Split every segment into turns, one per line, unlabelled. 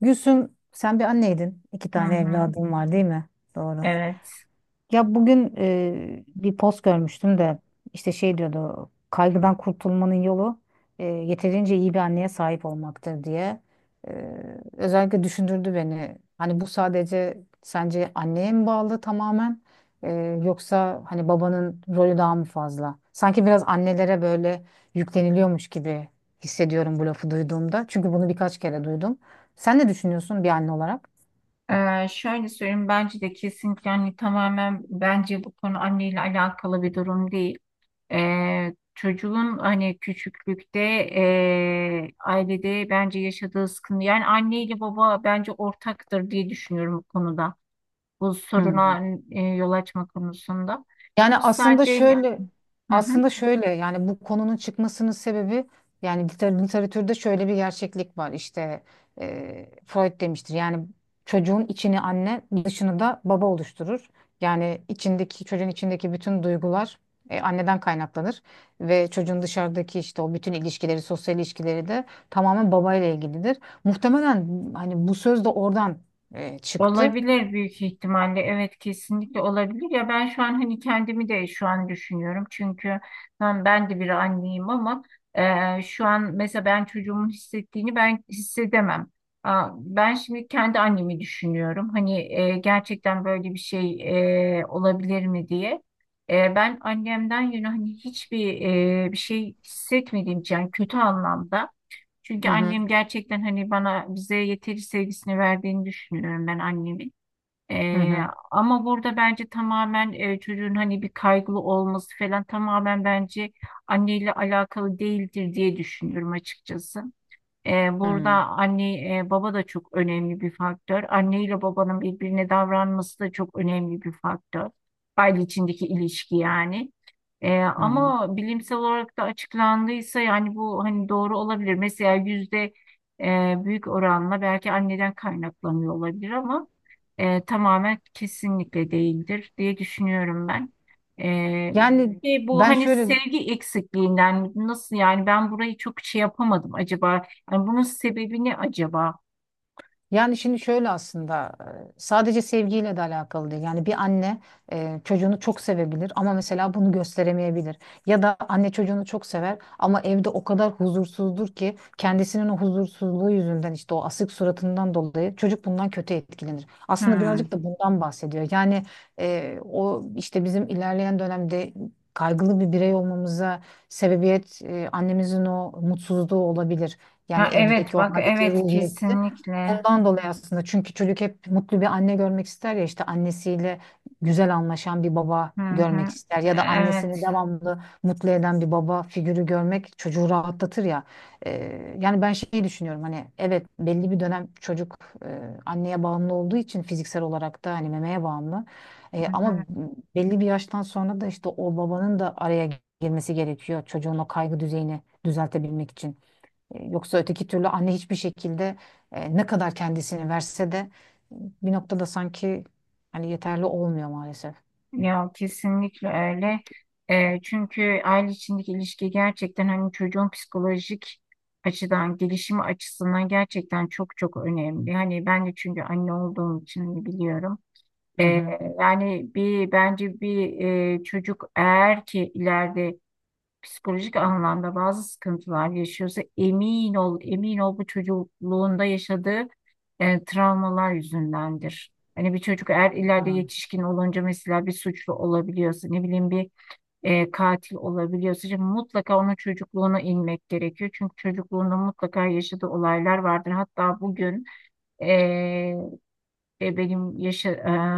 Gülsüm, sen bir anneydin. İki
Hı
tane
hı,
evladın var, değil mi? Doğru.
evet.
Ya bugün bir post görmüştüm de işte şey diyordu: kaygıdan kurtulmanın yolu yeterince iyi bir anneye sahip olmaktır diye. E, Özellikle düşündürdü beni. Hani bu sadece sence anneye mi bağlı tamamen, E, yoksa hani babanın rolü daha mı fazla? Sanki biraz annelere böyle yükleniliyormuş gibi hissediyorum bu lafı duyduğumda. Çünkü bunu birkaç kere duydum. Sen ne düşünüyorsun bir anne olarak?
Şöyle söyleyeyim, bence de kesinlikle hani tamamen bence bu konu anneyle alakalı bir durum değil. Çocuğun hani küçüklükte ailede bence yaşadığı sıkıntı, yani anne ile baba bence ortaktır diye düşünüyorum bu konuda. Bu soruna yol açma konusunda.
Yani
Çünkü
aslında
sadece
şöyle
hı hı.
Aslında şöyle, yani bu konunun çıkmasının sebebi, yani literatürde şöyle bir gerçeklik var. İşte Freud demiştir yani çocuğun içini anne, dışını da baba oluşturur. Yani çocuğun içindeki bütün duygular anneden kaynaklanır ve çocuğun dışarıdaki işte o bütün ilişkileri, sosyal ilişkileri de tamamen babayla ilgilidir. Muhtemelen hani bu söz de oradan çıktı.
Olabilir büyük ihtimalle. Evet, kesinlikle olabilir. Ya ben şu an hani kendimi de şu an düşünüyorum. Çünkü ben de bir anneyim ama şu an mesela ben çocuğumun hissettiğini ben hissedemem. Aa, ben şimdi kendi annemi düşünüyorum. Hani gerçekten böyle bir şey olabilir mi diye. Ben annemden yana hani hiçbir bir şey hissetmediğim için, yani kötü anlamda.
Hı
Çünkü
hı,
annem gerçekten hani bana bize yeteri sevgisini verdiğini düşünüyorum ben annemin.
hı
Ee,
hı,
ama burada bence tamamen çocuğun hani bir kaygılı olması falan tamamen bence anneyle alakalı değildir diye düşünüyorum açıkçası. E, burada
hı
anne baba da çok önemli bir faktör. Anne ile babanın birbirine davranması da çok önemli bir faktör. Aile içindeki ilişki yani. E,
hı.
ama bilimsel olarak da açıklandıysa yani bu hani doğru olabilir. Mesela yüzde büyük oranla belki anneden kaynaklanıyor olabilir ama tamamen kesinlikle değildir diye düşünüyorum ben. E,
Yani
bu
ben
hani
şöyle
sevgi eksikliğinden nasıl, yani ben burayı çok şey yapamadım acaba, yani bunun sebebi ne acaba?
Yani şimdi şöyle, aslında sadece sevgiyle de alakalı değil. Yani bir anne çocuğunu çok sevebilir ama mesela bunu gösteremeyebilir. Ya da anne çocuğunu çok sever ama evde o kadar huzursuzdur ki kendisinin o huzursuzluğu yüzünden, işte o asık suratından dolayı çocuk bundan kötü etkilenir. Aslında birazcık
Hmm.
da bundan bahsediyor. Yani o işte bizim ilerleyen dönemde kaygılı bir birey olmamıza sebebiyet annemizin o mutsuzluğu olabilir. Yani
Ha, evet,
evdeki o
bak
haleti
evet
ruhiyeti.
kesinlikle.
Ondan dolayı, aslında çünkü çocuk hep mutlu bir anne görmek ister ya, işte annesiyle güzel anlaşan bir baba
Hı
görmek
hı.
ister ya da annesini
Evet.
devamlı mutlu eden bir baba figürü görmek çocuğu rahatlatır ya. Yani ben şeyi düşünüyorum, hani evet belli bir dönem çocuk e, anneye bağımlı olduğu için, fiziksel olarak da hani memeye bağımlı.
Hı
Ama
hı.
belli bir yaştan sonra da işte o babanın da araya girmesi gerekiyor çocuğun o kaygı düzeyini düzeltebilmek için. Yoksa öteki türlü anne hiçbir şekilde, ne kadar kendisini verse de bir noktada sanki hani yeterli olmuyor maalesef.
Ya kesinlikle öyle. Çünkü aile içindeki ilişki gerçekten hani çocuğun psikolojik açıdan, gelişimi açısından gerçekten çok çok önemli. Hani ben de çünkü anne olduğum için hani, biliyorum.
Hı hı.
Yani bir bence bir çocuk, eğer ki ileride psikolojik anlamda bazı sıkıntılar yaşıyorsa, emin ol, emin ol, bu çocukluğunda yaşadığı travmalar yüzündendir. Hani bir çocuk eğer ileride
Hı
yetişkin olunca mesela bir suçlu olabiliyorsa, ne bileyim bir katil olabiliyorsa, şimdi mutlaka onun çocukluğuna inmek gerekiyor. Çünkü çocukluğunda mutlaka yaşadığı olaylar vardır. Hatta bugün e, benim yaşa,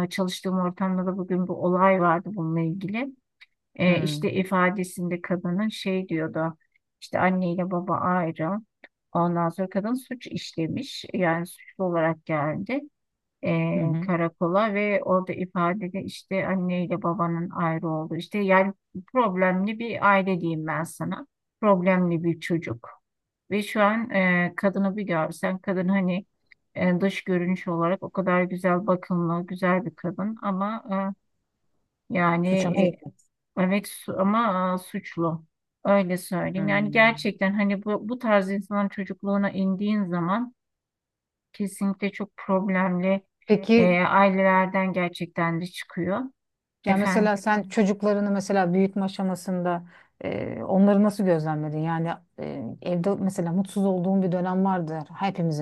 e, çalıştığım ortamda da bugün bir olay vardı bununla ilgili. E,
hı
işte ifadesinde kadının şey diyordu. İşte anneyle baba ayrı. Ondan sonra kadın suç işlemiş. Yani suçlu olarak geldi
hı. Hı.
karakola, ve orada ifadede işte anneyle babanın ayrı olduğu. İşte yani problemli bir aile diyeyim ben sana. Problemli bir çocuk. Ve şu an kadını bir görsen, kadın hani dış görünüş olarak o kadar güzel, bakımlı, güzel bir kadın ama yani
Suça
e,
meyilli.
evet, ama suçlu. Öyle
Hı.
söyleyeyim. Yani gerçekten hani bu tarz insanların çocukluğuna indiğin zaman kesinlikle çok problemli
Peki,
ailelerden gerçekten de çıkıyor.
ya
Efendim.
mesela sen çocuklarını mesela büyütme aşamasında onları nasıl gözlemledin? Yani evde mesela mutsuz olduğun bir dönem vardır.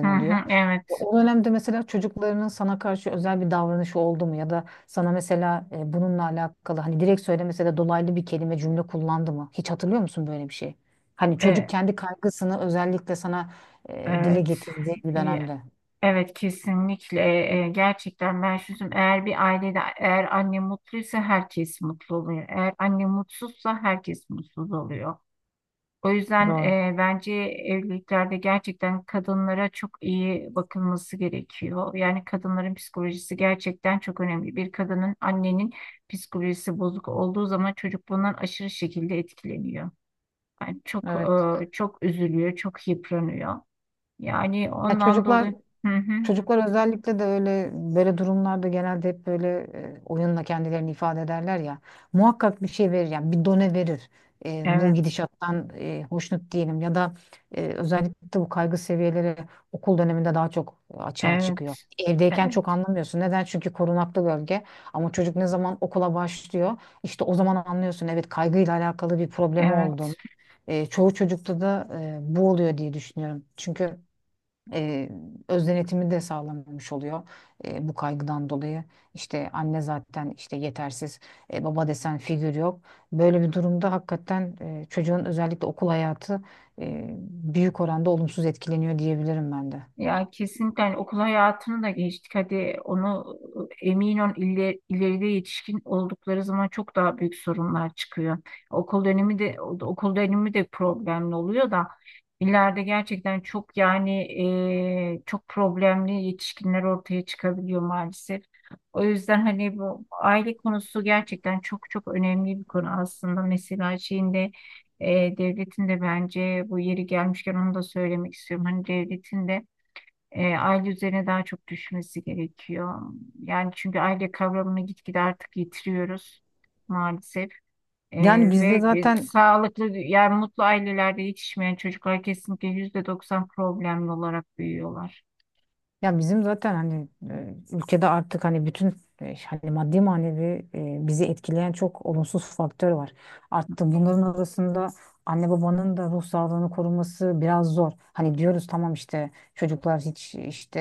Hı
oluyor.
hı, evet.
O dönemde mesela çocuklarının sana karşı özel bir davranışı oldu mu? Ya da sana mesela bununla alakalı, hani direkt söylemese de dolaylı bir kelime, cümle kullandı mı? Hiç hatırlıyor musun böyle bir şey? Hani çocuk
E,
kendi kaygısını özellikle sana dile
evet.
getirdiği bir
E,
dönemde.
evet kesinlikle. Gerçekten ben şunu, eğer bir ailede, eğer anne mutluysa herkes mutlu oluyor. Eğer anne mutsuzsa herkes mutsuz oluyor. O yüzden
Doğru.
bence evliliklerde gerçekten kadınlara çok iyi bakılması gerekiyor. Yani kadınların psikolojisi gerçekten çok önemli. Bir kadının, annenin psikolojisi bozuk olduğu zaman çocuk bundan aşırı şekilde etkileniyor. Yani çok
Evet.
çok üzülüyor, çok yıpranıyor. Yani
Ya
ondan
çocuklar
dolayı. Hı hı.
Çocuklar özellikle de öyle böyle durumlarda genelde hep böyle oyunla kendilerini ifade ederler ya. Muhakkak bir şey verir, yani bir done verir. Bu
Evet,
gidişattan hoşnut değilim, ya da özellikle bu kaygı seviyeleri okul döneminde daha çok açığa
evet,
çıkıyor. Evdeyken
evet,
çok anlamıyorsun. Neden? Çünkü korunaklı bölge. Ama çocuk ne zaman okula başlıyor, işte o zaman anlıyorsun. Evet, kaygıyla alakalı bir problemi olduğunu.
evet.
Çoğu çocukta da bu oluyor diye düşünüyorum. Çünkü e, öz denetimi de sağlanmamış oluyor bu kaygıdan dolayı. İşte anne zaten işte yetersiz, baba desen figür yok. Böyle bir durumda hakikaten çocuğun özellikle okul hayatı e, büyük oranda olumsuz etkileniyor diyebilirim ben de.
Ya kesinlikle hani okul hayatını da geçtik. Hadi onu, emin ol ileride yetişkin oldukları zaman çok daha büyük sorunlar çıkıyor. Okul dönemi de okul dönemi de problemli oluyor da ileride gerçekten çok, yani çok problemli yetişkinler ortaya çıkabiliyor maalesef. O yüzden hani bu aile konusu gerçekten çok çok önemli bir konu aslında. Mesela şeyinde devletin de bence, bu yeri gelmişken onu da söylemek istiyorum, hani devletin de aile üzerine daha çok düşmesi gerekiyor. Yani çünkü aile kavramını gitgide artık yitiriyoruz maalesef. E,
Yani bizde
ve
zaten
sağlıklı, yani mutlu ailelerde yetişmeyen çocuklar kesinlikle %90 problemli olarak büyüyorlar.
Ya bizim zaten hani ülkede artık hani bütün hani maddi manevi bizi etkileyen çok olumsuz faktör var. Artık bunların arasında anne babanın da ruh sağlığını koruması biraz zor. Hani diyoruz tamam, işte çocuklar hiç işte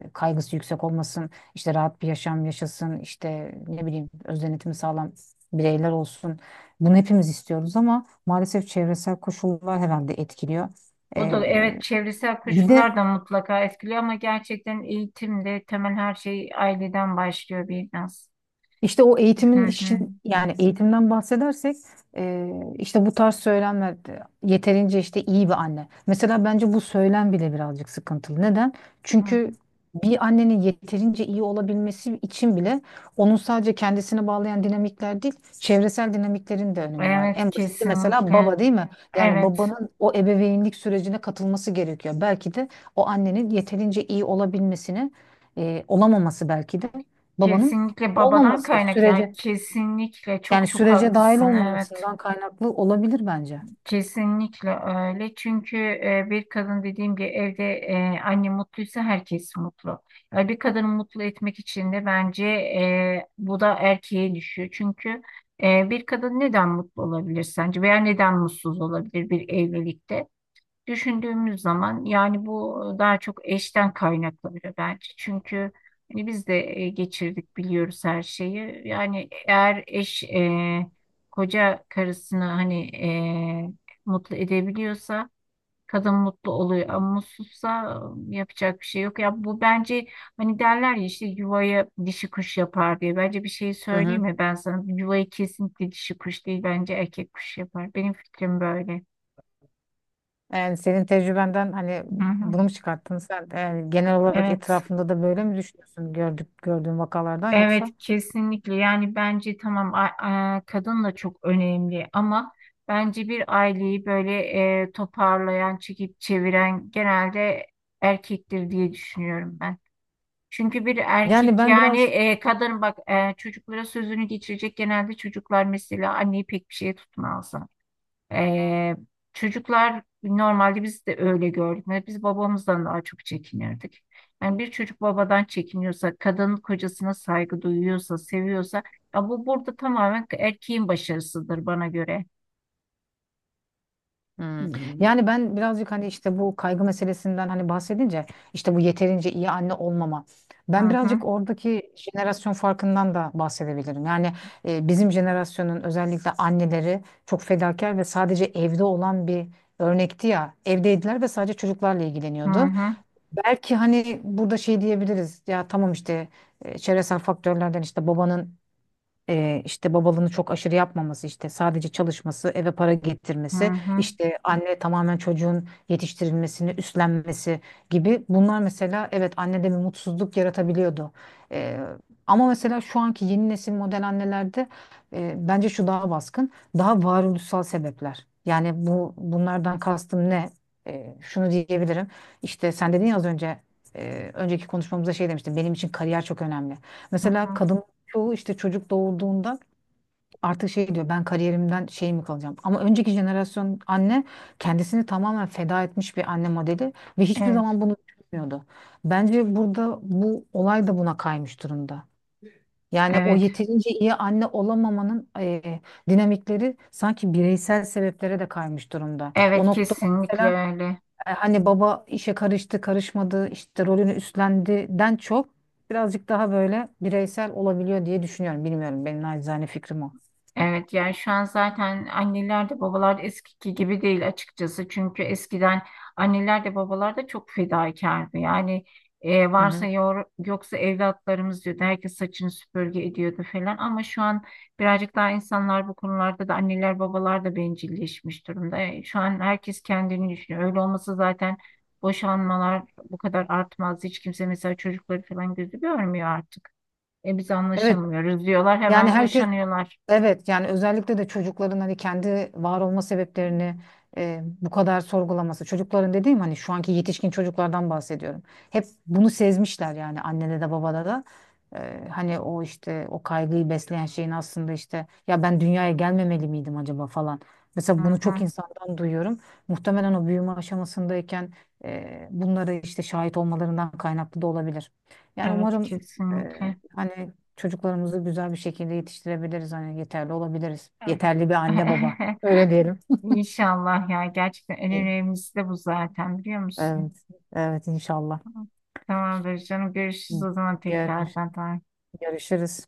kaygısı yüksek olmasın, işte rahat bir yaşam yaşasın, işte ne bileyim öz denetimi sağlam bireyler olsun. Bunu hepimiz istiyoruz ama maalesef çevresel koşullar herhalde etkiliyor.
O da
E,
evet, çevresel
Bir de
koşullar da mutlaka etkiliyor ama gerçekten eğitimde temel her şey aileden başlıyor biraz.
İşte o
Hı
eğitimin
hı,
işin, yani eğitimden bahsedersek e, işte bu tarz söylemler de yeterince işte iyi bir anne. Mesela bence bu söylem bile birazcık sıkıntılı. Neden?
hı
Çünkü
hı.
bir annenin yeterince iyi olabilmesi için bile onun sadece kendisine bağlayan dinamikler değil, çevresel dinamiklerin de önemi var.
Evet
En basiti mesela
kesinlikle.
baba, değil mi? Yani
Evet.
babanın o ebeveynlik sürecine katılması gerekiyor. Belki de o annenin yeterince iyi olabilmesini, olamaması belki de babanın
Kesinlikle babadan
olmaması
kaynak ya, kesinlikle çok çok
sürece dahil
haklısın, evet,
olmamasından kaynaklı olabilir bence.
kesinlikle öyle çünkü bir kadın, dediğim gibi, evde anne mutluysa herkes mutlu. Yani bir kadını mutlu etmek için de bence bu da erkeğe düşüyor çünkü bir kadın neden mutlu olabilir sence veya neden mutsuz olabilir bir evlilikte? Düşündüğümüz zaman yani bu daha çok eşten kaynaklanıyor bence. Çünkü hani biz de geçirdik, biliyoruz her şeyi. Yani eğer eş koca karısını hani e, mutlu edebiliyorsa kadın mutlu oluyor ama mutsuzsa yapacak bir şey yok. Ya bu bence, hani derler ya, işte yuvaya dişi kuş yapar diye. Bence bir şey
Hı
söyleyeyim
hı.
mi ben sana? Yuvayı kesinlikle dişi kuş değil, bence erkek kuş yapar. Benim fikrim böyle.
Yani senin tecrübenden hani
Hı hı.
bunu mu çıkarttın sen? Yani genel olarak
Evet.
etrafında da böyle mi düşünüyorsun, gördüğün vakalardan,
Evet
yoksa?
kesinlikle yani bence tamam, kadın da çok önemli ama bence bir aileyi böyle toparlayan, çekip çeviren genelde erkektir diye düşünüyorum ben. Çünkü bir
Yani
erkek,
ben
yani
biraz
kadın bak çocuklara sözünü geçirecek, genelde çocuklar mesela anneyi pek bir şeye tutmaz. Ee, çocuklar normalde, biz de öyle gördük. Yani biz babamızdan daha çok çekinirdik. Yani bir çocuk babadan çekiniyorsa, kadının kocasına saygı duyuyorsa, seviyorsa, ya bu burada tamamen erkeğin başarısıdır bana göre. Hı
Hmm. Yani ben birazcık, hani işte bu kaygı meselesinden hani bahsedince, işte bu yeterince iyi anne olmama. Ben
hı,
birazcık oradaki jenerasyon farkından da bahsedebilirim. Yani bizim jenerasyonun özellikle anneleri çok fedakar ve sadece evde olan bir örnekti ya. Evdeydiler ve sadece çocuklarla
hı
ilgileniyordu.
hı,
Belki hani burada şey diyebiliriz ya, tamam işte çevresel faktörlerden işte babanın işte babalığını çok aşırı yapmaması, işte sadece çalışması, eve para
hı
getirmesi,
hı,
işte anne tamamen çocuğun yetiştirilmesini üstlenmesi gibi, bunlar mesela evet annede bir mutsuzluk yaratabiliyordu. E, Ama mesela şu anki yeni nesil model annelerde bence şu daha baskın, daha varoluşsal sebepler. Yani bunlardan kastım ne? Şunu diyebilirim. İşte sen dedin ya az önce, önceki konuşmamızda şey demiştin. Benim için kariyer çok önemli.
hı
Mesela
hı.
kadın çoğu, işte çocuk doğurduğunda artık şey diyor: ben kariyerimden şey mi kalacağım? Ama önceki jenerasyon anne kendisini tamamen feda etmiş bir anne modeli ve hiçbir
Evet,
zaman bunu düşünmüyordu. Bence burada bu olay da buna kaymış durumda. Yani o
evet,
yeterince iyi anne olamamanın, dinamikleri sanki bireysel sebeplere de kaymış durumda. O
evet
noktada
kesinlikle
mesela
öyle.
hani baba işe karıştı, karışmadı, işte rolünü üstlendiden çok birazcık daha böyle bireysel olabiliyor diye düşünüyorum. Bilmiyorum, benim naçizane fikrim o.
Evet yani şu an zaten anneler de babalar da eskiki gibi değil açıkçası. Çünkü eskiden anneler de babalar da çok fedakardı. Yani
Hı
varsa
hı.
yoksa evlatlarımız diyordu. Herkes saçını süpürge ediyordu falan. Ama şu an birazcık daha insanlar bu konularda da anneler babalar da bencilleşmiş durumda. Şu an herkes kendini düşünüyor. Öyle olmasa zaten boşanmalar bu kadar artmaz. Hiç kimse mesela çocukları falan gözü görmüyor artık. Biz
Evet
anlaşamıyoruz diyorlar,
yani
hemen
herkes
boşanıyorlar.
Evet, yani özellikle de çocukların hani kendi var olma sebeplerini bu kadar sorgulaması. Çocukların dediğim, hani şu anki yetişkin çocuklardan bahsediyorum. Hep bunu sezmişler yani, annede de babada da. Hani o işte o kaygıyı besleyen şeyin aslında, işte ya ben dünyaya gelmemeli miydim acaba falan.
Hı
Mesela bunu çok
hı.
insandan duyuyorum. Muhtemelen o büyüme aşamasındayken bunlara işte şahit olmalarından kaynaklı da olabilir. Yani
Evet
umarım e,
kesinlikle.
hani çocuklarımızı güzel bir şekilde yetiştirebiliriz. Hani yeterli olabiliriz. Yeterli bir anne baba. Öyle diyelim.
İnşallah ya, gerçekten en
İyi.
önemlisi de bu zaten biliyor musun?
Evet. Evet, inşallah.
Tamamdır canım, görüşürüz o zaman
Gör-
tekrardan. Tamam.
görüşürüz.